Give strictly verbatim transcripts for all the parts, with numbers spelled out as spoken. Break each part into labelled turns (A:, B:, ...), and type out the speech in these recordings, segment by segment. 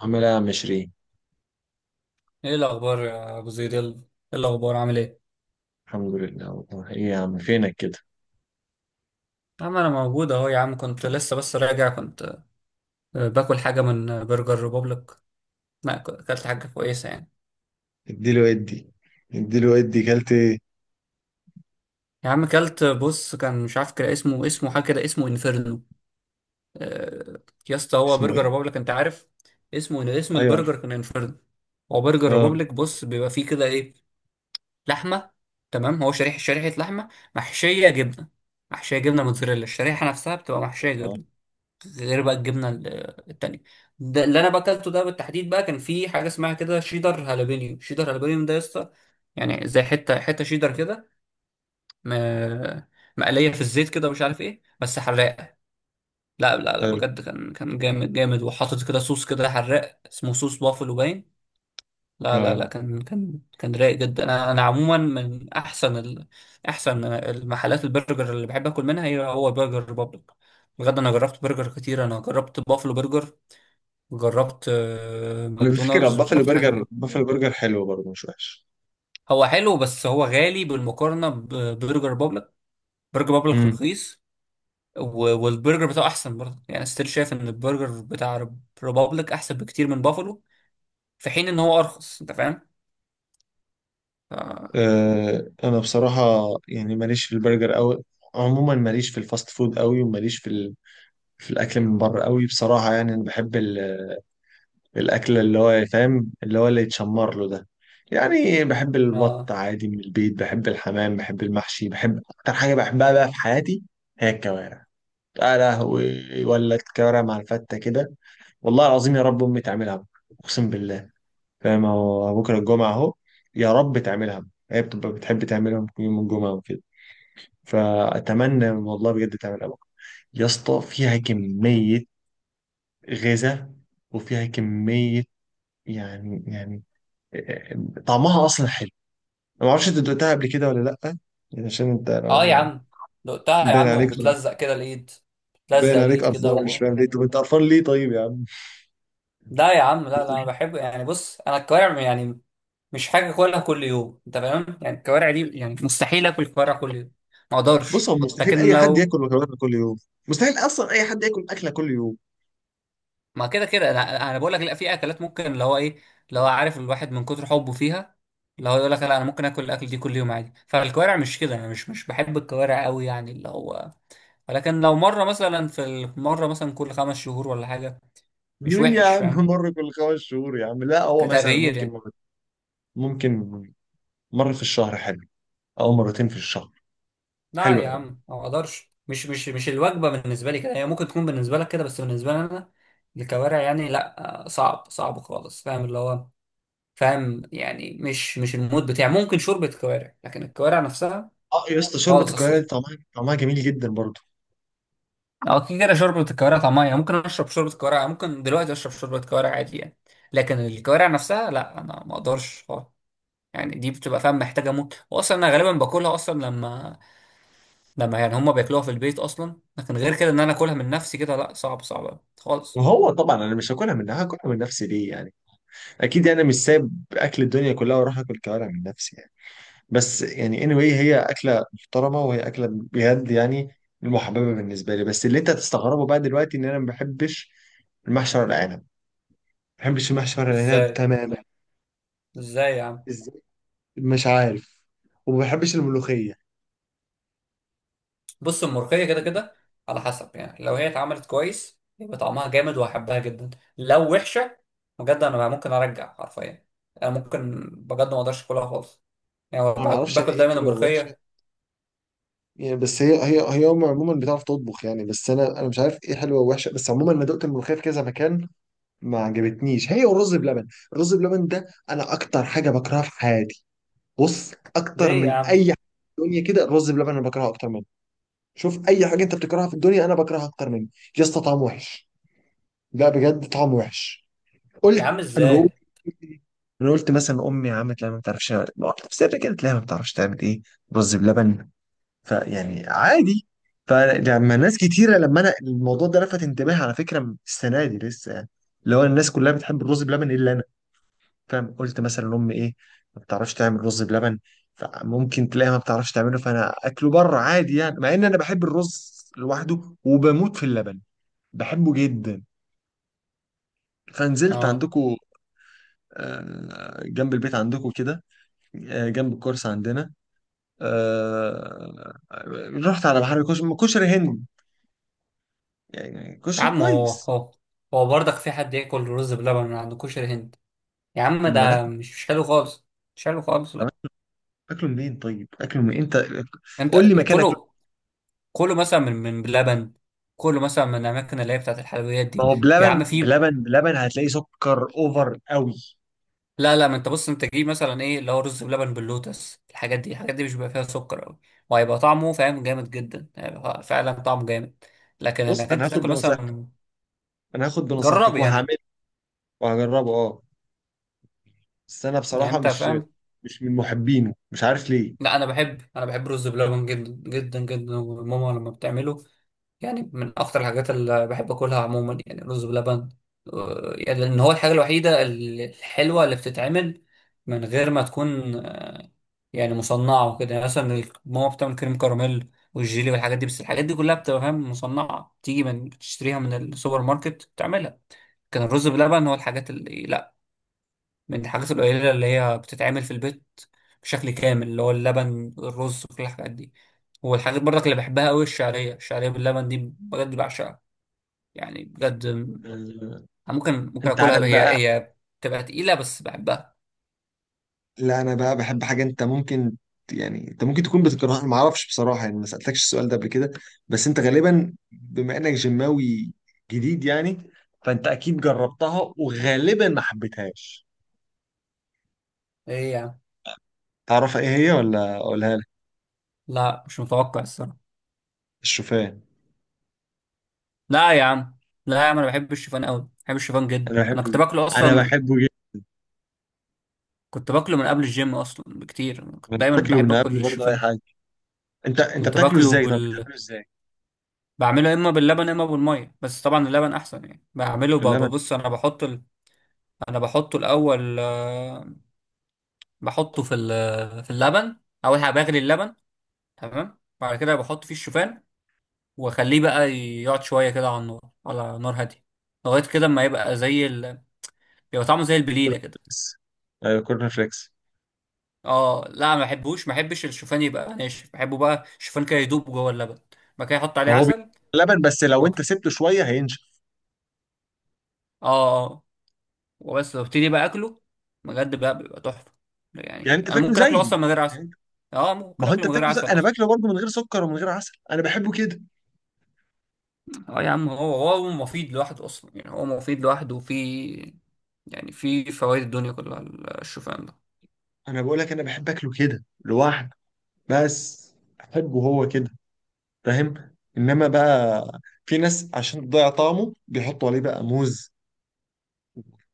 A: عامل ايه يا عم شيرين؟
B: ايه الاخبار يا ابو زيد؟ يلا، ايه الاخبار؟ عامل ايه؟
A: الحمد لله. والله ايه يا عم فينك كده؟
B: يا عم انا موجود اهو، يا عم كنت لسه بس راجع. كنت آه، باكل حاجه من آه، برجر ريبوبليك. لا، ك- اكلت حاجه كويسه يعني.
A: اديله ادي اديله ادي كلت ايه؟
B: يا عم اكلت، آه، بص، كان مش عارف، كده اسمه اسمه حاجه كده، اسمه انفيرنو. آه، يا اسطى، هو
A: اسمه
B: برجر
A: ايه؟
B: ريبوبليك انت عارف. اسمه، اسم
A: ايوه عارف.
B: البرجر كان انفيرنو. هو برجر
A: اه،
B: ريبوبليك، بص بيبقى فيه كده ايه، لحمه. تمام، هو شريحه شريحه لحمه، محشيه جبنه. محشيه جبنه موتزاريلا، الشريحه نفسها بتبقى محشيه
A: والله
B: جبنه، غير بقى الجبنه ال- التانيه. ده اللي انا باكلته ده بالتحديد بقى كان في حاجه اسمها كده، شيدر هالابينيو، شيدر هالابينيو ده يا اسطى. يعني زي حته حته شيدر كده، م- مقليه في الزيت كده، ومش عارف ايه، بس حراقه. لا لا لا،
A: حلو.
B: بجد كان كان جامد جامد، وحاطط كده صوص، كده حراق اسمه صوص بافلو باين. لا لا لا،
A: اه،
B: كان كان كان رايق جدا. انا انا عموما من احسن ال... احسن المحلات، البرجر اللي بحب اكل منها هي هو برجر ريبابليك. بجد انا جربت برجر كتير، انا جربت بافلو برجر، جربت آه،
A: انا بفكر
B: ماكدونالدز،
A: بافلو
B: وجربت حاجات
A: برجر.
B: كتير.
A: بافلو برجر حلو برضه، مش وحش.
B: هو حلو بس هو غالي بالمقارنه ببرجر بابليك. برجر بابليك
A: امم.
B: رخيص. و- والبرجر بتاعه احسن برضه يعني، ستيل شايف ان البرجر بتاع ريبابليك احسن بكتير من بافالو، في حين ان هو ارخص، انت فاهم؟ ف...
A: آه انا بصراحه يعني ماليش في البرجر قوي. عموما ماليش في الفاست فود قوي، وماليش في ال... في الاكل من بره قوي بصراحه. يعني انا بحب ال... الأكل اللي هو فاهم، اللي هو اللي يتشمر له ده. يعني بحب البط
B: اه.
A: عادي من البيت، بحب الحمام، بحب المحشي، بحب أكتر حاجة بحبها بقى في حياتي هي الكوارع. يا لهوي، ولا الكوارع مع الفتة كده؟ والله العظيم يا رب أمي تعملها بكرة، أقسم بالله. فاهم هو بكرة الجمعة أهو. يا رب تعملها بكرة. هي بتبقى بتحب تعملهم يوم الجمعة وكده، فأتمنى والله بجد تعملها بكرة. يا اسطى فيها كمية غذاء، وفيها كمية، يعني يعني طعمها اصلا حلو. انا ما اعرفش انت دقتها قبل كده ولا لا. يعني عشان انت لو
B: اه يا
A: ما-
B: عم، دقتها يا
A: باين
B: عم
A: عليك.
B: وبتلزق كده الايد،
A: باين
B: بتلزق
A: عليك
B: الايد كده
A: قرفان، مش
B: و...
A: فاهم ليه. طب انت قرفان ليه طيب يا عم؟
B: لا يا عم، لا لا، انا بحب يعني، بص انا الكوارع يعني مش حاجه اكلها كل يوم، انت فاهم؟ يعني الكوارع دي، يعني مستحيل اكل كوارع كل يوم، ما اقدرش.
A: بص هو مستحيل
B: لكن
A: اي حد
B: لو،
A: ياكل مكرونه كل يوم. مستحيل اصلا اي حد ياكل اكله كل يوم.
B: ما كده كده انا أنا بقول لك لا، في اكلات ممكن، اللي هو ايه، اللي هو عارف الواحد من كتر حبه فيها، اللي هو يقول لك لا، انا ممكن اكل الاكل دي كل يوم عادي. فالكوارع مش كده، انا مش مش بحب الكوارع قوي، يعني اللي هو، ولكن لو مره مثلا، في المره مثلا كل خمس شهور ولا حاجه، مش
A: ليه يا
B: وحش
A: عم
B: فاهم؟
A: مره كل خمس شهور يا عم؟ لا، هو مثلا
B: كتغيير
A: ممكن
B: يعني.
A: مرة، ممكن مره في الشهر حلو، او مرتين في الشهر.
B: لا
A: حلو
B: يا
A: قوي.
B: عم، ما اقدرش، مش مش مش الوجبه بالنسبه لي كده، هي ممكن تكون بالنسبه لك كده بس بالنسبه لي انا الكوارع يعني لا، آه، صعب صعب خالص، فاهم اللي هو، فاهم يعني، مش مش المود بتاعي. ممكن شوربه كوارع، لكن الكوارع نفسها
A: اه، يا اسطى شوربه
B: خالص
A: الكوارع
B: اصلا.
A: دي طعمها طعمها جميل جدا برضه.
B: او كده كده شوربه الكوارع طعمها يعني، ممكن اشرب شوربه كوارع، ممكن دلوقتي اشرب شوربه كوارع عادي يعني. لكن الكوارع نفسها لا، انا ما اقدرش خالص. يعني دي بتبقى فاهم محتاجه موت، واصلا انا غالبا باكلها اصلا لما، لما يعني هما بياكلوها في البيت اصلا، لكن غير كده ان انا اكلها من نفسي كده، لا صعب، صعب أوي خالص.
A: وهو طبعا انا مش هاكلها منها. هاكلها من نفسي ليه يعني؟ اكيد يعني مش سايب اكل الدنيا كلها واروح اكل كوارع من نفسي يعني. بس يعني anyway هي اكله محترمه، وهي اكله بجد يعني المحببه بالنسبه لي. بس اللي انت هتستغربه بقى دلوقتي ان انا ما بحبش المحشي ورق العنب. ما بحبش المحشي ورق العنب
B: ازاي؟
A: تماما.
B: ازاي يا عم؟
A: ازاي؟ مش عارف. وما بحبش الملوخيه.
B: بص، الملوخيه كده كده على حسب يعني، لو هي اتعملت كويس يبقى طعمها جامد وهحبها جدا، لو وحشه بجد انا ممكن ارجع حرفيا، انا ممكن بجد ما اقدرش اكلها خالص. يعني
A: انا ما
B: بأ-
A: اعرفش يعني
B: باكل
A: ايه
B: دايما
A: حلوه ووحشه
B: الملوخيه.
A: يعني. بس هي هي هي هم عموما بتعرف تطبخ يعني. بس انا انا مش عارف ايه حلوه ووحشه. بس عموما انا دقت الملوخيه في كذا مكان ما عجبتنيش، هي والرز بلبن. الرز بلبن ده انا اكتر حاجه بكرهها في حياتي. بص، اكتر
B: ليه يا
A: من اي
B: عم؟
A: حاجه في الدنيا كده الرز بلبن انا بكرهه اكتر منه. شوف اي حاجه انت بتكرهها في الدنيا انا بكرهها اكتر منه. يا اسطى طعمه وحش. لا بجد طعمه وحش.
B: يا عم
A: قلت انا بقول،
B: ازاي؟
A: انا قلت مثلا امي عملت لها، ما بتعرفش، واحده في سر كده تلاقيها ما بتعرفش تعمل ايه رز بلبن. فيعني عادي. فلما ناس كتيره، لما انا الموضوع ده لفت انتباهي على فكره السنه دي لسه يعني، اللي هو الناس كلها بتحب الرز بلبن الا انا. فاهم؟ قلت مثلا امي ايه، ما بتعرفش تعمل رز بلبن. فممكن تلاقيها ما بتعرفش تعمله، فانا اكله بره عادي يعني، مع ان انا بحب الرز لوحده وبموت في اللبن. بحبه جدا. فنزلت
B: اه
A: عندكم، آه، جنب البيت عندكم كده، آه، جنب الكورس عندنا. آه، رحت على بحر كشري كشري هند. يعني
B: يا
A: كشري
B: عم، هو
A: كويس.
B: هو هو برضك في حد ياكل رز بلبن من عند كشري هند؟ يا عم
A: ما
B: ده
A: ناكل.
B: مش مش حلو خالص، مش حلو خالص،
A: طب
B: لا.
A: اكله منين طيب؟ اكله من انت، قول
B: انت
A: لي مكان اكله.
B: كله، كله مثلا من من بلبن، كله مثلا من الاماكن اللي هي بتاعت الحلويات
A: ما
B: دي.
A: هو
B: يا عم
A: بلبن
B: في،
A: بلبن بلبن هتلاقي سكر اوفر قوي.
B: لا لا، ما انت بص انت جيب مثلا ايه اللي هو رز بلبن باللوتس، الحاجات دي، الحاجات دي مش بيبقى فيها سكر قوي، وهيبقى طعمه فاهم جامد جدا، هيبقى فعلا طعمه جامد. لكن
A: بص
B: انك
A: انا
B: انت
A: هاخد
B: تاكل مثلا
A: بنصيحتك.
B: من-
A: انا هاخد بنصيحتك
B: جربي يعني،
A: وهعمله وهجربه، اه. بس انا
B: يعني
A: بصراحه،
B: انت
A: مش
B: فاهم؟
A: مش من محبينه، مش عارف ليه.
B: لا انا بحب انا بحب رز بلبن جدا جدا جدا، وماما لما بتعمله يعني من اكتر الحاجات اللي بحب اكلها عموما يعني رز بلبن. آه، يعني لان هو الحاجه الوحيده ال- الحلوه اللي بتتعمل من غير ما تكون آه، يعني مصنعه وكده. يعني مثلا ال- ماما بتعمل كريم كراميل والجيلي والحاجات دي، بس الحاجات دي كلها بتبقى فاهم مصنعه تيجي، من تشتريها من السوبر ماركت تعملها. كان الرز بلبن هو الحاجات اللي، من الحاجات القليلة اللي هي بتتعمل في البيت بشكل كامل، اللي هو اللبن الرز كل الحاجات دي. والحاجات برضك اللي بحبها قوي الشعرية الشعرية باللبن دي، بجد بعشقها يعني، بجد م-
A: آه،
B: ممكن ممكن
A: انت عارف
B: اكلها هي،
A: بقى.
B: هي بتبقى تقيلة بس بحبها.
A: لا انا بقى بحب حاجه انت ممكن ت- يعني انت ممكن تكون بتكرهها، ما اعرفش بصراحه يعني، ما سالتكش السؤال ده قبل كده. بس انت غالبا بما انك جماوي جديد يعني، فانت اكيد جربتها وغالبا ما حبيتهاش.
B: ايه يا عم؟
A: تعرف ايه هي ولا اقولها لك؟
B: لا مش متوقع، الصراحة.
A: الشوفان.
B: لا يا عم، لا يا عم انا بحب الشوفان قوي، بحب الشوفان جدا.
A: انا
B: انا كنت
A: بحبه،
B: باكله اصلا
A: انا
B: من،
A: بحبه جدا.
B: كنت باكله من قبل الجيم اصلا بكتير. أنا كنت
A: أنا
B: دايما
A: باكله
B: بحب
A: من قبل
B: اكل
A: برضه اي
B: الشوفان.
A: حاجه. انت انت
B: كنت
A: بتاكله
B: باكله
A: ازاي؟ طب
B: بال
A: بتعمله ازاي؟
B: بعمله اما باللبن اما بالميه، بس طبعا اللبن احسن يعني. بعمله
A: في
B: ب-
A: اللبن
B: ببص، انا بحط ال... انا بحطه الاول، آه، بحطه في ال... في اللبن، اول حاجه بغلي اللبن. تمام، بعد كده بحط فيه الشوفان، واخليه بقى يقعد شويه كده على النار، على نار هاديه لغايه كده ما يبقى زي ال... يبقى طعمه زي البليله كده.
A: بس. ايوه كورن فليكس.
B: اه، لا ما بحبوش، ما بحبش الشوفان يبقى ناشف، بحبه بقى الشوفان كده يدوب جوه اللبن. بعد كده احط عليه
A: ما هو بي-
B: عسل،
A: لبن. بس لو انت
B: واكله.
A: سبته شويه هينشف.
B: اه. آه، وبس، وابتدي بقى اكله، بجد بقى بيبقى تحفه.
A: يعني
B: يعني
A: انت
B: انا
A: بتاكله
B: ممكن اكله
A: زيي.
B: اصلا من غير عسل.
A: يعني انت-
B: اه،
A: ما
B: ممكن
A: هو
B: اكله
A: انت
B: من غير
A: بتاكله زي
B: عسل
A: انا
B: اصلا.
A: باكله برضه، من غير سكر ومن غير عسل. انا بحبه كده.
B: اه يا عم، هو هو مفيد لوحده اصلا يعني، هو مفيد لوحده، وفي يعني في فوائد الدنيا كلها الشوفان ده.
A: انا بقول لك انا بحب اكله كده لوحده. بس احبه هو كده، فاهم. انما بقى في ناس عشان تضيع طعمه بيحطوا عليه بقى موز،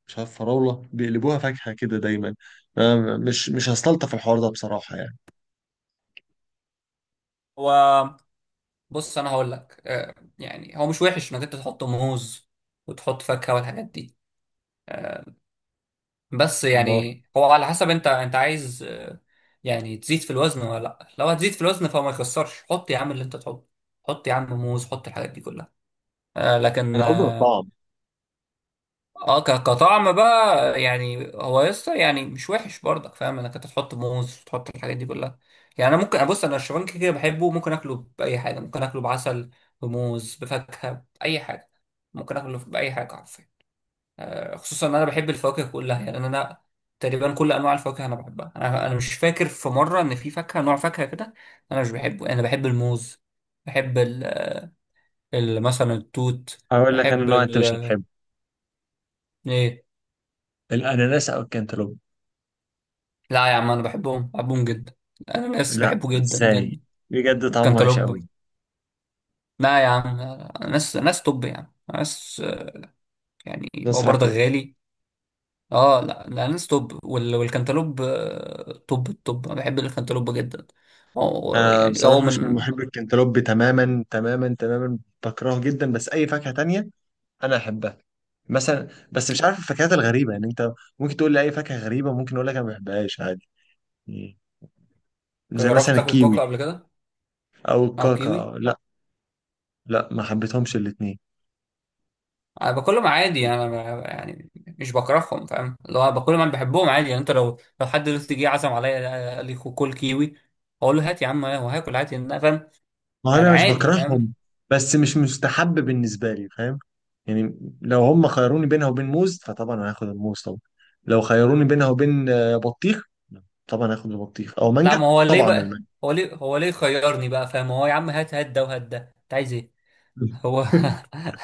A: مش عارف فراوله، بيقلبوها فاكهه كده دايما. أنا مش مش هستلطف الحوار ده بصراحه يعني.
B: هو بص انا هقول لك، آه، يعني هو مش وحش انك انت تحط موز وتحط فاكهه والحاجات دي. آه، بس
A: امال.
B: يعني هو على حسب، انت انت عايز آه، يعني تزيد في الوزن ولا لا. لو هتزيد في الوزن فما يخسرش، حط يا عم اللي انت تحطه، حط يا عم موز، حط الحاجات دي كلها. آه لكن
A: انا قصدي
B: اه
A: الطعم.
B: آه، ك- كطعم بقى، يعني هو لسه يعني مش وحش برضك فاهم انك انت تحط موز، تحط الحاجات دي كلها. يعني انا ممكن ابص، انا الشوفان كده كده بحبه، ممكن اكله باي حاجه، ممكن اكله بعسل، بموز، بفاكهه، باي حاجه، ممكن اكله باي حاجه. آه، خصوصا ان انا بحب الفواكه كلها، يعني انا تقريبا كل انواع الفواكه انا بحبها، انا انا مش فاكر في مره ان في فاكهه، نوع فاكهه كده انا مش بحبه. يعني انا بحب الموز، بحب ال... ال... مثلا التوت، بحب ال... ايه.
A: الأناناس أو الكنتالوب؟
B: لا يا عم انا بحبهم بحبهم جدا. الاناناس
A: لا،
B: بحبه جدا
A: إزاي؟
B: جدا،
A: بجد طعمه وحش أوي.
B: والكنتالوب. لا يا عم، أنا ناس ناس توب، يعني ناس آه، يعني هو
A: ناس
B: برضه
A: عاقل.
B: غالي. اه لا، الاناناس توب وال... والكنتالوب آه، توب، التوب انا بحب الكنتالوب جدا، هو
A: أنا
B: يعني هو
A: بصراحة مش من
B: من.
A: محب الكنتالوب، تماما تماما تماما. بكرهه جدا. بس أي فاكهة تانية أنا أحبها. مثلا، بس مش عارف الفاكهات الغريبة يعني. أنت ممكن تقول لي أي فاكهة غريبة، ممكن أقول لك أنا ما بحبهاش عادي، زي
B: جربت
A: مثلا
B: تاكل
A: الكيوي
B: كوكا قبل كده،
A: أو
B: او كيوي؟
A: الكاكا. لا. لا، ما حبيتهمش الاتنين.
B: انا باكلهم عادي يعني، انا ب- يعني مش بكرههم فاهم. لو انا باكلهم انا بحبهم عادي يعني. انت لو لو حد دلوقتي جه عزم عليا قال لي خو- كل كيوي، اقول له هات يا عم، هو هاكل عادي إن انا فاهم،
A: ما
B: يعني
A: انا مش
B: عادي فاهم.
A: بكرههم، بس مش مستحب بالنسبه لي، فاهم يعني. لو هم خيروني بينها وبين موز فطبعا هاخد الموز طبعا. لو خيروني بينها وبين آه، بطيخ، طبعا هاخد البطيخ، او
B: لا،
A: مانجا.
B: ما هو ليه
A: طبعا
B: بقى؟
A: المانجا.
B: هو ليه هو ليه خيرني بقى فاهم؟ هو يا عم هات، هات ده وهات ده، انت عايز ايه؟ هو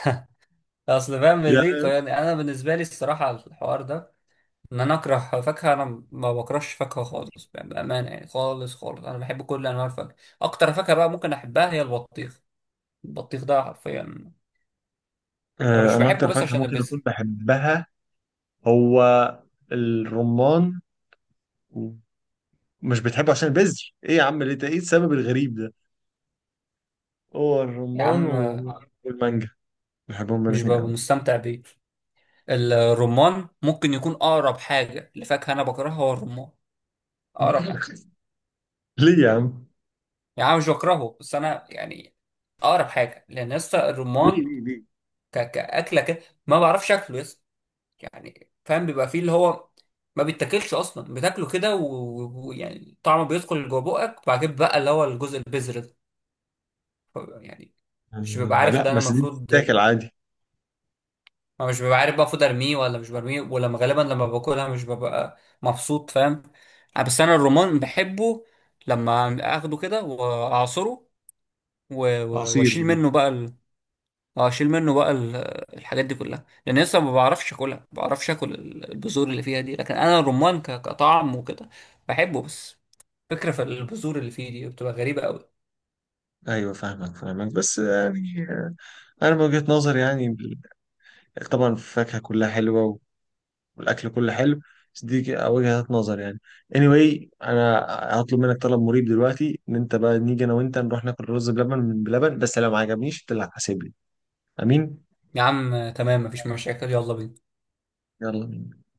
B: اصل فاهم ليه
A: يعني،
B: خيرني انا، بالنسبه لي الصراحه الحوار ده ان انا اكره فاكهه، انا ما بكرهش فاكهه خالص، يعني بامانه يعني خالص خالص، انا بحب كل انواع الفاكهه. اكتر فاكهه بقى ممكن احبها هي البطيخ، البطيخ ده حرفيا انا
A: آه،
B: مش
A: انا
B: بحبه
A: اكتر
B: بس
A: فاكهه
B: عشان
A: ممكن
B: البذر،
A: اكون بحبها هو الرمان. مش بتحبه عشان البذر؟ ايه يا عم ليه؟ ايه السبب الغريب ده؟ هو
B: يا
A: الرمان
B: عم
A: و- والمانجا، بحبهم
B: مش
A: الاثنين
B: ببقى
A: قوي.
B: مستمتع بيه. الرمان ممكن يكون اقرب حاجه لفاكهه انا بكرهها هو الرمان، اقرب حاجه.
A: ليه يا عم؟
B: يعني انا مش بكرهه بس انا يعني اقرب حاجه، لان لسه
A: ليه
B: الرمان
A: ليه؟
B: ك- كاكله كده ما بعرفش اكله لسه، يعني فاهم بيبقى فيه اللي هو ما بيتاكلش اصلا، بتاكله كده و- ويعني طعمه بيدخل جوه بقك، وبعد كده بقى اللي هو الجزء البذر ده، ف- يعني مش ببقى
A: آه،
B: عارف
A: لا
B: ده انا
A: بس دي
B: المفروض،
A: بتتاكل عادي.
B: ما مش ببقى عارف بقى المفروض ارميه ولا مش برميه. ولما غالبا لما باكلها مش ببقى مبسوط فاهم. آه، بس انا الرمان بحبه لما اخده كده واعصره، و- و-
A: عصير.
B: واشيل منه بقى. اه شيل منه بقى ال- الحاجات دي كلها، لان لسه ما بعرفش اكلها، ما بعرفش اكل ال- البذور اللي فيها دي. لكن انا الرمان ك- كطعم وكده بحبه، بس فكرة في البذور اللي فيه دي بتبقى غريبة قوي.
A: ايوه فاهمك فاهمك، بس يعني، آه، انا من وجهة نظري يعني، ال- طبعا الفاكهة كلها حلوة، والاكل كله حلو. بس دي ك- وجهة نظر يعني. anyway انا هطلب منك طلب مريب دلوقتي ان انت بقى نيجي انا وانت نروح ناكل رز بلبن من بلبن، بس لو ما عجبنيش انت اللي هتحاسبني. امين.
B: يا عم تمام، مفيش مشاكل، يلا بينا.
A: يلا.